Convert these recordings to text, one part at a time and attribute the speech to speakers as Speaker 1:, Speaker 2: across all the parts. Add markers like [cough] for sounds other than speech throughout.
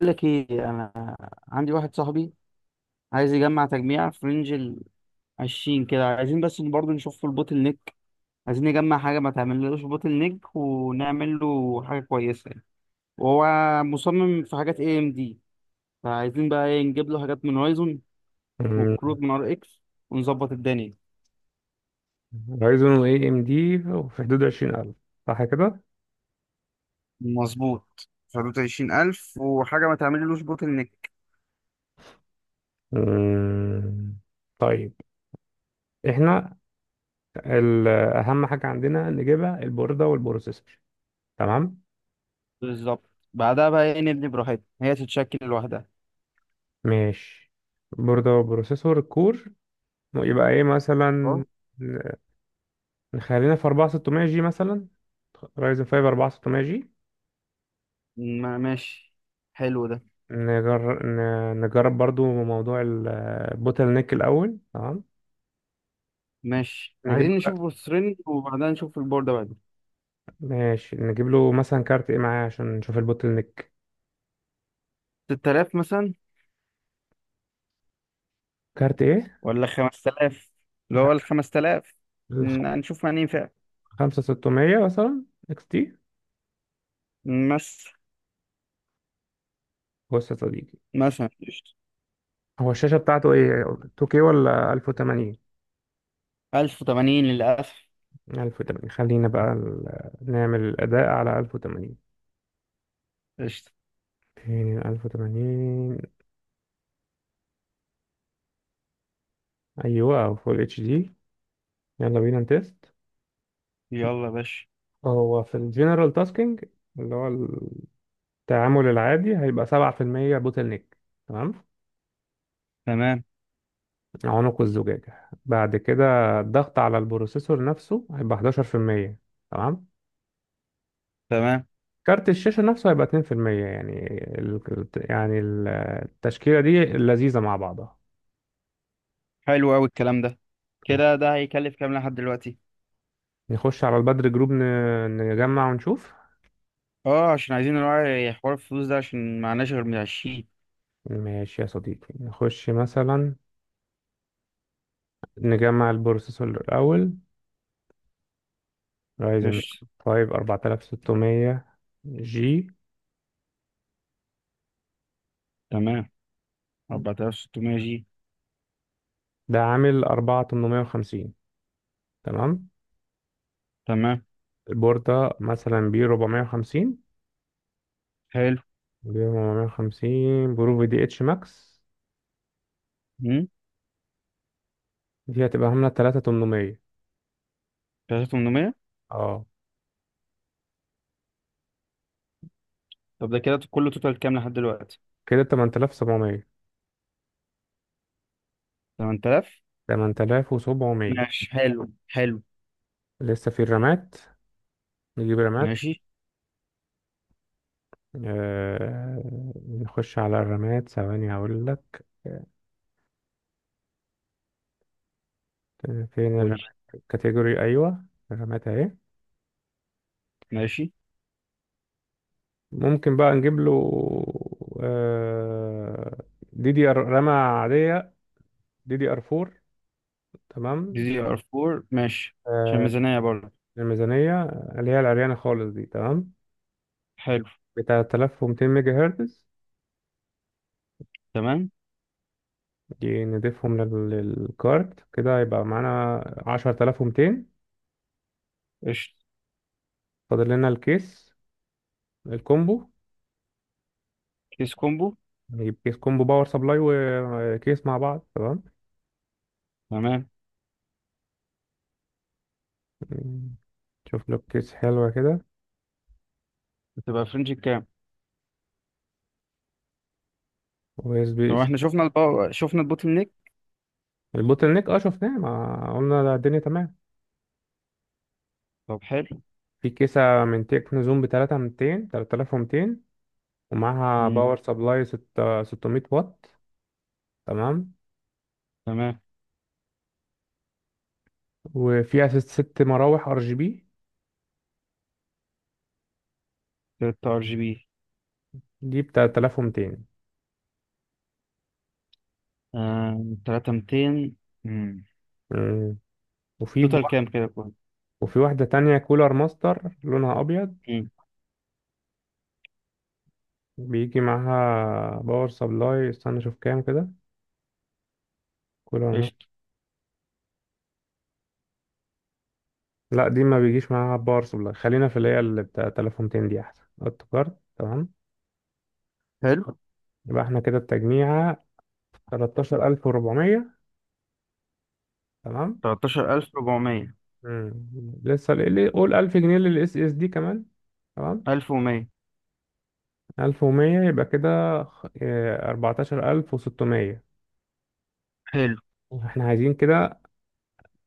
Speaker 1: بقول لك ايه، انا عندي واحد صاحبي عايز يجمع تجميع في رينج ال 20 كده، عايزين بس برضه نشوف في البوتل نيك. عايزين نجمع حاجه ما تعملوش بوتل نيك ونعمل له حاجه كويسه يعني. وهو مصمم في حاجات اي ام دي، فعايزين بقى ايه، نجيب له حاجات من هورايزون
Speaker 2: مم،
Speaker 1: وكروت من ار اكس ونظبط الدنيا.
Speaker 2: رايزون اي ام دي في حدود 20,000، صح كده؟
Speaker 1: مظبوط، في حدود 20 ألف وحاجة ما تعمللوش بوتل نيك.
Speaker 2: مم، طيب. احنا أهم حاجة عندنا نجيبها البوردة والبروسيسور، تمام؟
Speaker 1: بالظبط، بعدها بقى ايه، نبني براحتنا، هي تتشكل لوحدها.
Speaker 2: ماشي. بوردة وبروسيسور الكور. يبقى ايه
Speaker 1: اه.
Speaker 2: مثلا؟ نخلينا في 4600 جي مثلا. رايزن 5 4600 جي.
Speaker 1: ماشي. حلو ده.
Speaker 2: نجرب نجرب برضو موضوع البوتل نيك الأول، تمام؟
Speaker 1: ماشي،
Speaker 2: نجيب
Speaker 1: عايزين
Speaker 2: له
Speaker 1: نشوف بورسرينج وبعدها نشوف البوردة بعدين.
Speaker 2: ماشي، نجيب له مثلا كارت ايه معاه عشان نشوف البوتل نيك.
Speaker 1: 6000 مثلا،
Speaker 2: كارت ايه؟
Speaker 1: ولا 5000، اللي هو ال 5000.
Speaker 2: الخ-
Speaker 1: هنشوف مع مين فعلا.
Speaker 2: خمسة ستمية مثلا، اكس تي.
Speaker 1: مثلا.
Speaker 2: بص يا صديقي،
Speaker 1: مثلا، قشطة.
Speaker 2: هو الشاشة بتاعته ايه، 2K ولا 1080؟
Speaker 1: 1080 للأسف.
Speaker 2: 1080. خلينا بقى نعمل الأداء على 1080.
Speaker 1: قشطة.
Speaker 2: فين ال 1080؟ أيوة، أو فول اتش دي. يلا بينا نتست.
Speaker 1: يلا يا باشا.
Speaker 2: هو في الجنرال تاسكينج، اللي هو التعامل العادي، هيبقى 7% بوتل نيك، تمام.
Speaker 1: تمام.
Speaker 2: عنق الزجاجة بعد كده، الضغط على البروسيسور نفسه، هيبقى 11%، تمام.
Speaker 1: تمام،
Speaker 2: كارت الشاشة نفسه هيبقى 2%. يعني ال... يعني ال- التشكيلة دي لذيذة مع بعضها.
Speaker 1: حلو أوي الكلام ده. كده ده هيكلف كام لحد دلوقتي؟
Speaker 2: نخش على البدر جروب، نجمع ونشوف.
Speaker 1: اه، عشان عايزين نراعي حوار الفلوس ده عشان معناش غير من عشرين.
Speaker 2: ماشي يا صديقي، نخش مثلا، نجمع البروسيسور الأول. رايزن
Speaker 1: قشطة.
Speaker 2: 5 4600 جي.
Speaker 1: تمام. 4600 جي.
Speaker 2: ده عامل 4850، تمام.
Speaker 1: تمام.
Speaker 2: البوردة مثلا
Speaker 1: حلو.
Speaker 2: بي 450 برو في دي اتش ماكس.
Speaker 1: امم
Speaker 2: دي هتبقى عاملة 3800.
Speaker 1: 3800.
Speaker 2: اه،
Speaker 1: طب ده كده كله توتال كام لحد دلوقتي؟
Speaker 2: كده
Speaker 1: 8000.
Speaker 2: 8700.
Speaker 1: ماشي، حلو حلو.
Speaker 2: لسه في الرامات. نجيب رامات.
Speaker 1: ماشي.
Speaker 2: آه... نخش على الرامات ثواني هقول لك. فين
Speaker 1: قول.
Speaker 2: الرامات؟ كاتيجوري، ايوه. الرامات اهي.
Speaker 1: ماشي.
Speaker 2: ممكن بقى نجيب له، آه... دي دي ار، رامة عادية، دي دي ار 4،
Speaker 1: دي
Speaker 2: تمام.
Speaker 1: دي ار 4، ماشي. عشان
Speaker 2: آه...
Speaker 1: ميزانية برضه.
Speaker 2: الميزانية، اللي هي العريانة خالص دي، تمام.
Speaker 1: حلو.
Speaker 2: بتاع 3200 ميجا هرتز.
Speaker 1: تمام.
Speaker 2: دي نضيفهم للكارت، كده يبقى معانا 10,200.
Speaker 1: قشطة.
Speaker 2: فاضل لنا الكيس، الكومبو.
Speaker 1: كيس كومبو.
Speaker 2: نجيب كيس كومبو، باور سبلاي وكيس مع بعض، تمام.
Speaker 1: تمام.
Speaker 2: شوف له كيس حلوة كده،
Speaker 1: بتبقى فرنج كام؟
Speaker 2: و اس بي
Speaker 1: طب
Speaker 2: سي.
Speaker 1: احنا شفنا الباور، شفنا البوتل نيك.
Speaker 2: البوتل نيك اه شفناه، ما قلنا ده الدنيا تمام.
Speaker 1: طب حلو.
Speaker 2: في كيسة من تكنو زوم بتلاتة ميتين تلاتة آلاف ومتين، ومعاها
Speaker 1: مم.
Speaker 2: باور سبلاي 600 واط، تمام.
Speaker 1: تمام.
Speaker 2: وفيها ست ست مراوح ار جي بي.
Speaker 1: 3 ار جي بي.
Speaker 2: دي بتلاتة آلاف ومتين.
Speaker 1: 3200.
Speaker 2: مم. وفي
Speaker 1: توتال كام كده كله؟
Speaker 2: وفي واحدة تانية كولر ماستر، لونها أبيض،
Speaker 1: مم.
Speaker 2: بيجي معاها باور سبلاي. استنى أشوف كام كده. كولر ماستر.
Speaker 1: قشطة.
Speaker 2: لا، دي ما بيجيش معاها باور سبلاي. خلينا في اللي هي اللي بتاع 3200، دي أحسن، هوت كارد، تمام.
Speaker 1: حلو.
Speaker 2: يبقى احنا كده التجميعة 13,400، تمام.
Speaker 1: 13400.
Speaker 2: مم. لسه اللي قول 1000 جنيه للإس إس دي كمان، تمام.
Speaker 1: 1100.
Speaker 2: 1100. يبقى كده 14,600.
Speaker 1: حلو.
Speaker 2: احنا عايزين كده.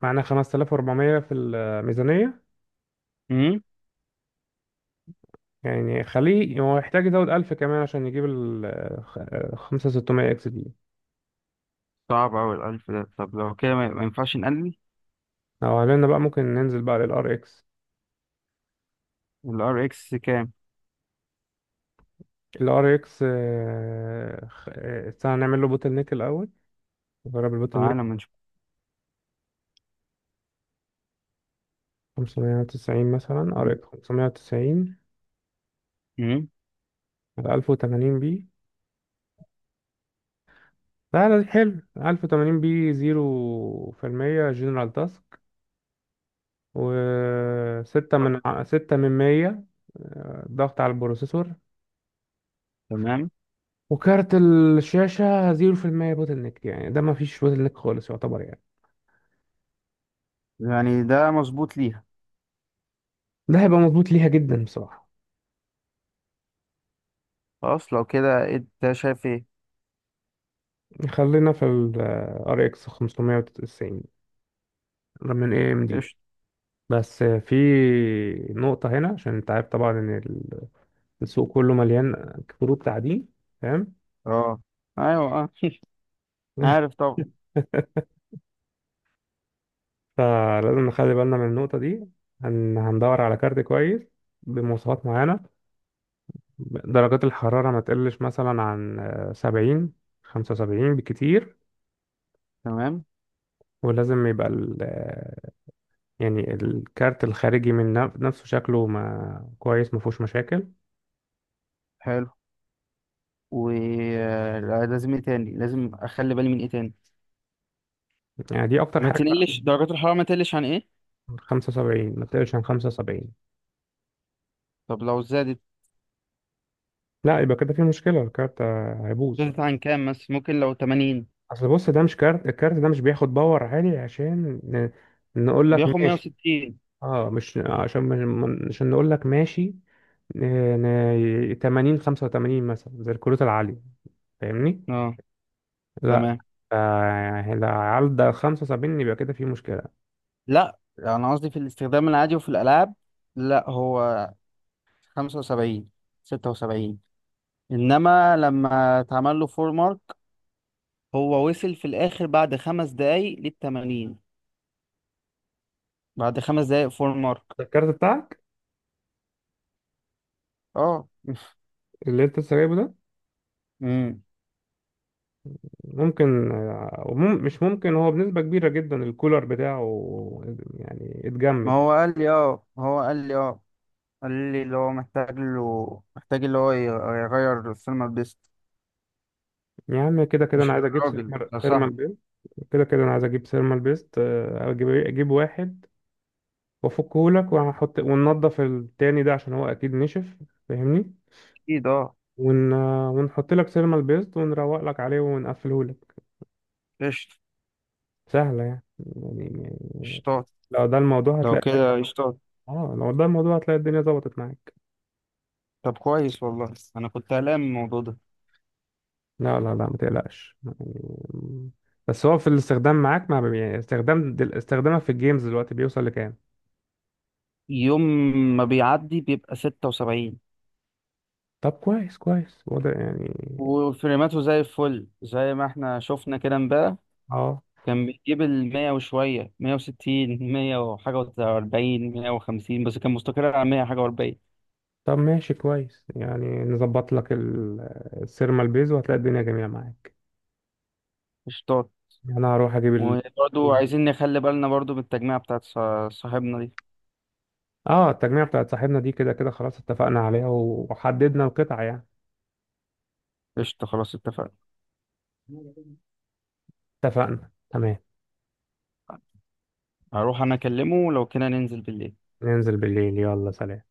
Speaker 2: معانا 5,400 في الميزانية.
Speaker 1: مم.
Speaker 2: يعني خليه، هو يحتاج يزود 1000 كمان عشان يجيب ال 5600 اكس دي.
Speaker 1: صعب أوي الألف ده، طب لو كده ما ينفعش نقلل.
Speaker 2: لو عملنا بقى ممكن ننزل بقى للار اكس.
Speaker 1: الار اكس كام؟
Speaker 2: الار اكس، استنى نعمل له بوتل نيك الاول. نجرب البوتل نيك.
Speaker 1: فانا من.
Speaker 2: 590 مثلا، ار اكس 590،
Speaker 1: امم.
Speaker 2: على 1080 بي. لا لا، حلو. 1080 بي، 0% جنرال تاسك. و 6 من 6 من 100 ضغط على البروسيسور.
Speaker 1: تمام.
Speaker 2: وكارت الشاشة 0% بوتل نيك، يعني ده ما فيش بوتل نيك خالص يعتبر يعني.
Speaker 1: يعني ده مظبوط ليها.
Speaker 2: ده هيبقى مظبوط ليها جدا بصراحة.
Speaker 1: خلاص، لو كده انت شايف ايه؟
Speaker 2: خلينا في ال RX 590 من AMD.
Speaker 1: قشطة.
Speaker 2: بس في نقطة هنا، عشان انت عارف طبعا ان السوق كله مليان كروت تعدين، فاهم؟
Speaker 1: اه. ايوه اه. [laughs] عارف طبعا.
Speaker 2: [laughs] فلازم نخلي بالنا من النقطة دي. هندور على كارت كويس بمواصفات معينة. درجات الحرارة ما تقلش مثلا عن 70، 75 بالكتير.
Speaker 1: تمام.
Speaker 2: ولازم يبقى يعني الكارت الخارجي من نفسه شكله ما كويس، ما فيهوش مشاكل.
Speaker 1: حلو. ولازم ايه تاني، لازم اخلي بالي من ايه تاني؟
Speaker 2: يعني دي اكتر
Speaker 1: ما
Speaker 2: حاجه بقى.
Speaker 1: تقلش درجات الحرارة، ما تقلش عن ايه؟
Speaker 2: 75. ما تقلش عن 75،
Speaker 1: طب لو زادت.
Speaker 2: لا يبقى كده في مشكله. الكارت هيبوظ.
Speaker 1: زادت عن كام بس؟ ممكن لو 80؟
Speaker 2: اصل بص، ده مش كارت، الكارت ده مش بياخد باور عالي عشان نقول لك
Speaker 1: بياخد
Speaker 2: ماشي.
Speaker 1: 160.
Speaker 2: اه مش عشان عشان نقول لك ماشي ن- 80، 85 مثلا، زي الكروت العاليه، فاهمني؟
Speaker 1: اه.
Speaker 2: لا.
Speaker 1: تمام.
Speaker 2: يعني لو عدى 75 يبقى كده في مشكله.
Speaker 1: لا انا قصدي في الاستخدام العادي وفي الالعاب. لا هو 75، 76. انما لما اتعمل له فور مارك، هو وصل في الاخر بعد 5 دقايق للتمانين. بعد خمس دقايق فور مارك.
Speaker 2: ده الكارت بتاعك،
Speaker 1: اه.
Speaker 2: اللي انت لسه جايبه ده؟
Speaker 1: امم.
Speaker 2: ممكن مش ممكن. هو بنسبة كبيرة جدا الكولر بتاعه يعني
Speaker 1: ما
Speaker 2: اتجمد.
Speaker 1: هو قال لي اه، ما هو قال لي اه، قال لي اللي هو محتاج له، محتاج اللي هو يغير السينما بيست.
Speaker 2: يا عم، كده كده انا
Speaker 1: مش
Speaker 2: عايز اجيب
Speaker 1: الراجل ده
Speaker 2: سيرمال
Speaker 1: صاحبي.
Speaker 2: بيست. كده كده انا عايز اجيب سيرمال بيست. اجيب إيه؟ اجيب واحد وافكه لك، وهحط وننضف التاني ده، عشان هو اكيد نشف، فاهمني؟
Speaker 1: اكيد اه.
Speaker 2: ون... آه، ونحط لك سيرمال بيست، ونروق لك عليه، ونقفله لك.
Speaker 1: قشطة.
Speaker 2: سهلة يعني يعني.
Speaker 1: قشطات.
Speaker 2: لو ده الموضوع
Speaker 1: لو
Speaker 2: هتلاقي الدنيا.
Speaker 1: كده قشطات.
Speaker 2: اه لو ده الموضوع هتلاقي الدنيا ظبطت معاك.
Speaker 1: طب كويس والله، انا كنت قلقان من الموضوع ده.
Speaker 2: لا لا لا، ما تقلقش يعني. بس هو في الاستخدام معاك، مع يعني استخدامك في الجيمز دلوقتي بيوصل لكام؟
Speaker 1: يوم ما بيعدي بيبقى 76.
Speaker 2: طب كويس، كويس وضع يعني.
Speaker 1: وفريماته زي الفل، زي ما احنا شفنا كده امبارح.
Speaker 2: اه.
Speaker 1: كان بيجيب المية وشوية، 160، مية وحاجة وأربعين، 150، بس كان مستقر على مية حاجة وأربعين.
Speaker 2: طب ماشي كويس يعني. نظبط لك السيرمال بيز وهتلاقي الدنيا جميلة معاك.
Speaker 1: قشطات.
Speaker 2: يعني انا هروح اجيب
Speaker 1: وبرضو عايزين نخلي بالنا برضو من التجميعة بتاعت صاحبنا دي.
Speaker 2: اه التجميع بتاعت صاحبنا دي كده كده خلاص اتفقنا عليها وحددنا القطع يعني.
Speaker 1: قشطة، خلاص اتفقنا.
Speaker 2: اتفقنا تمام.
Speaker 1: هروح أنا أكلمه لو كنا ننزل بالليل.
Speaker 2: ننزل بالليل. يلا سلام.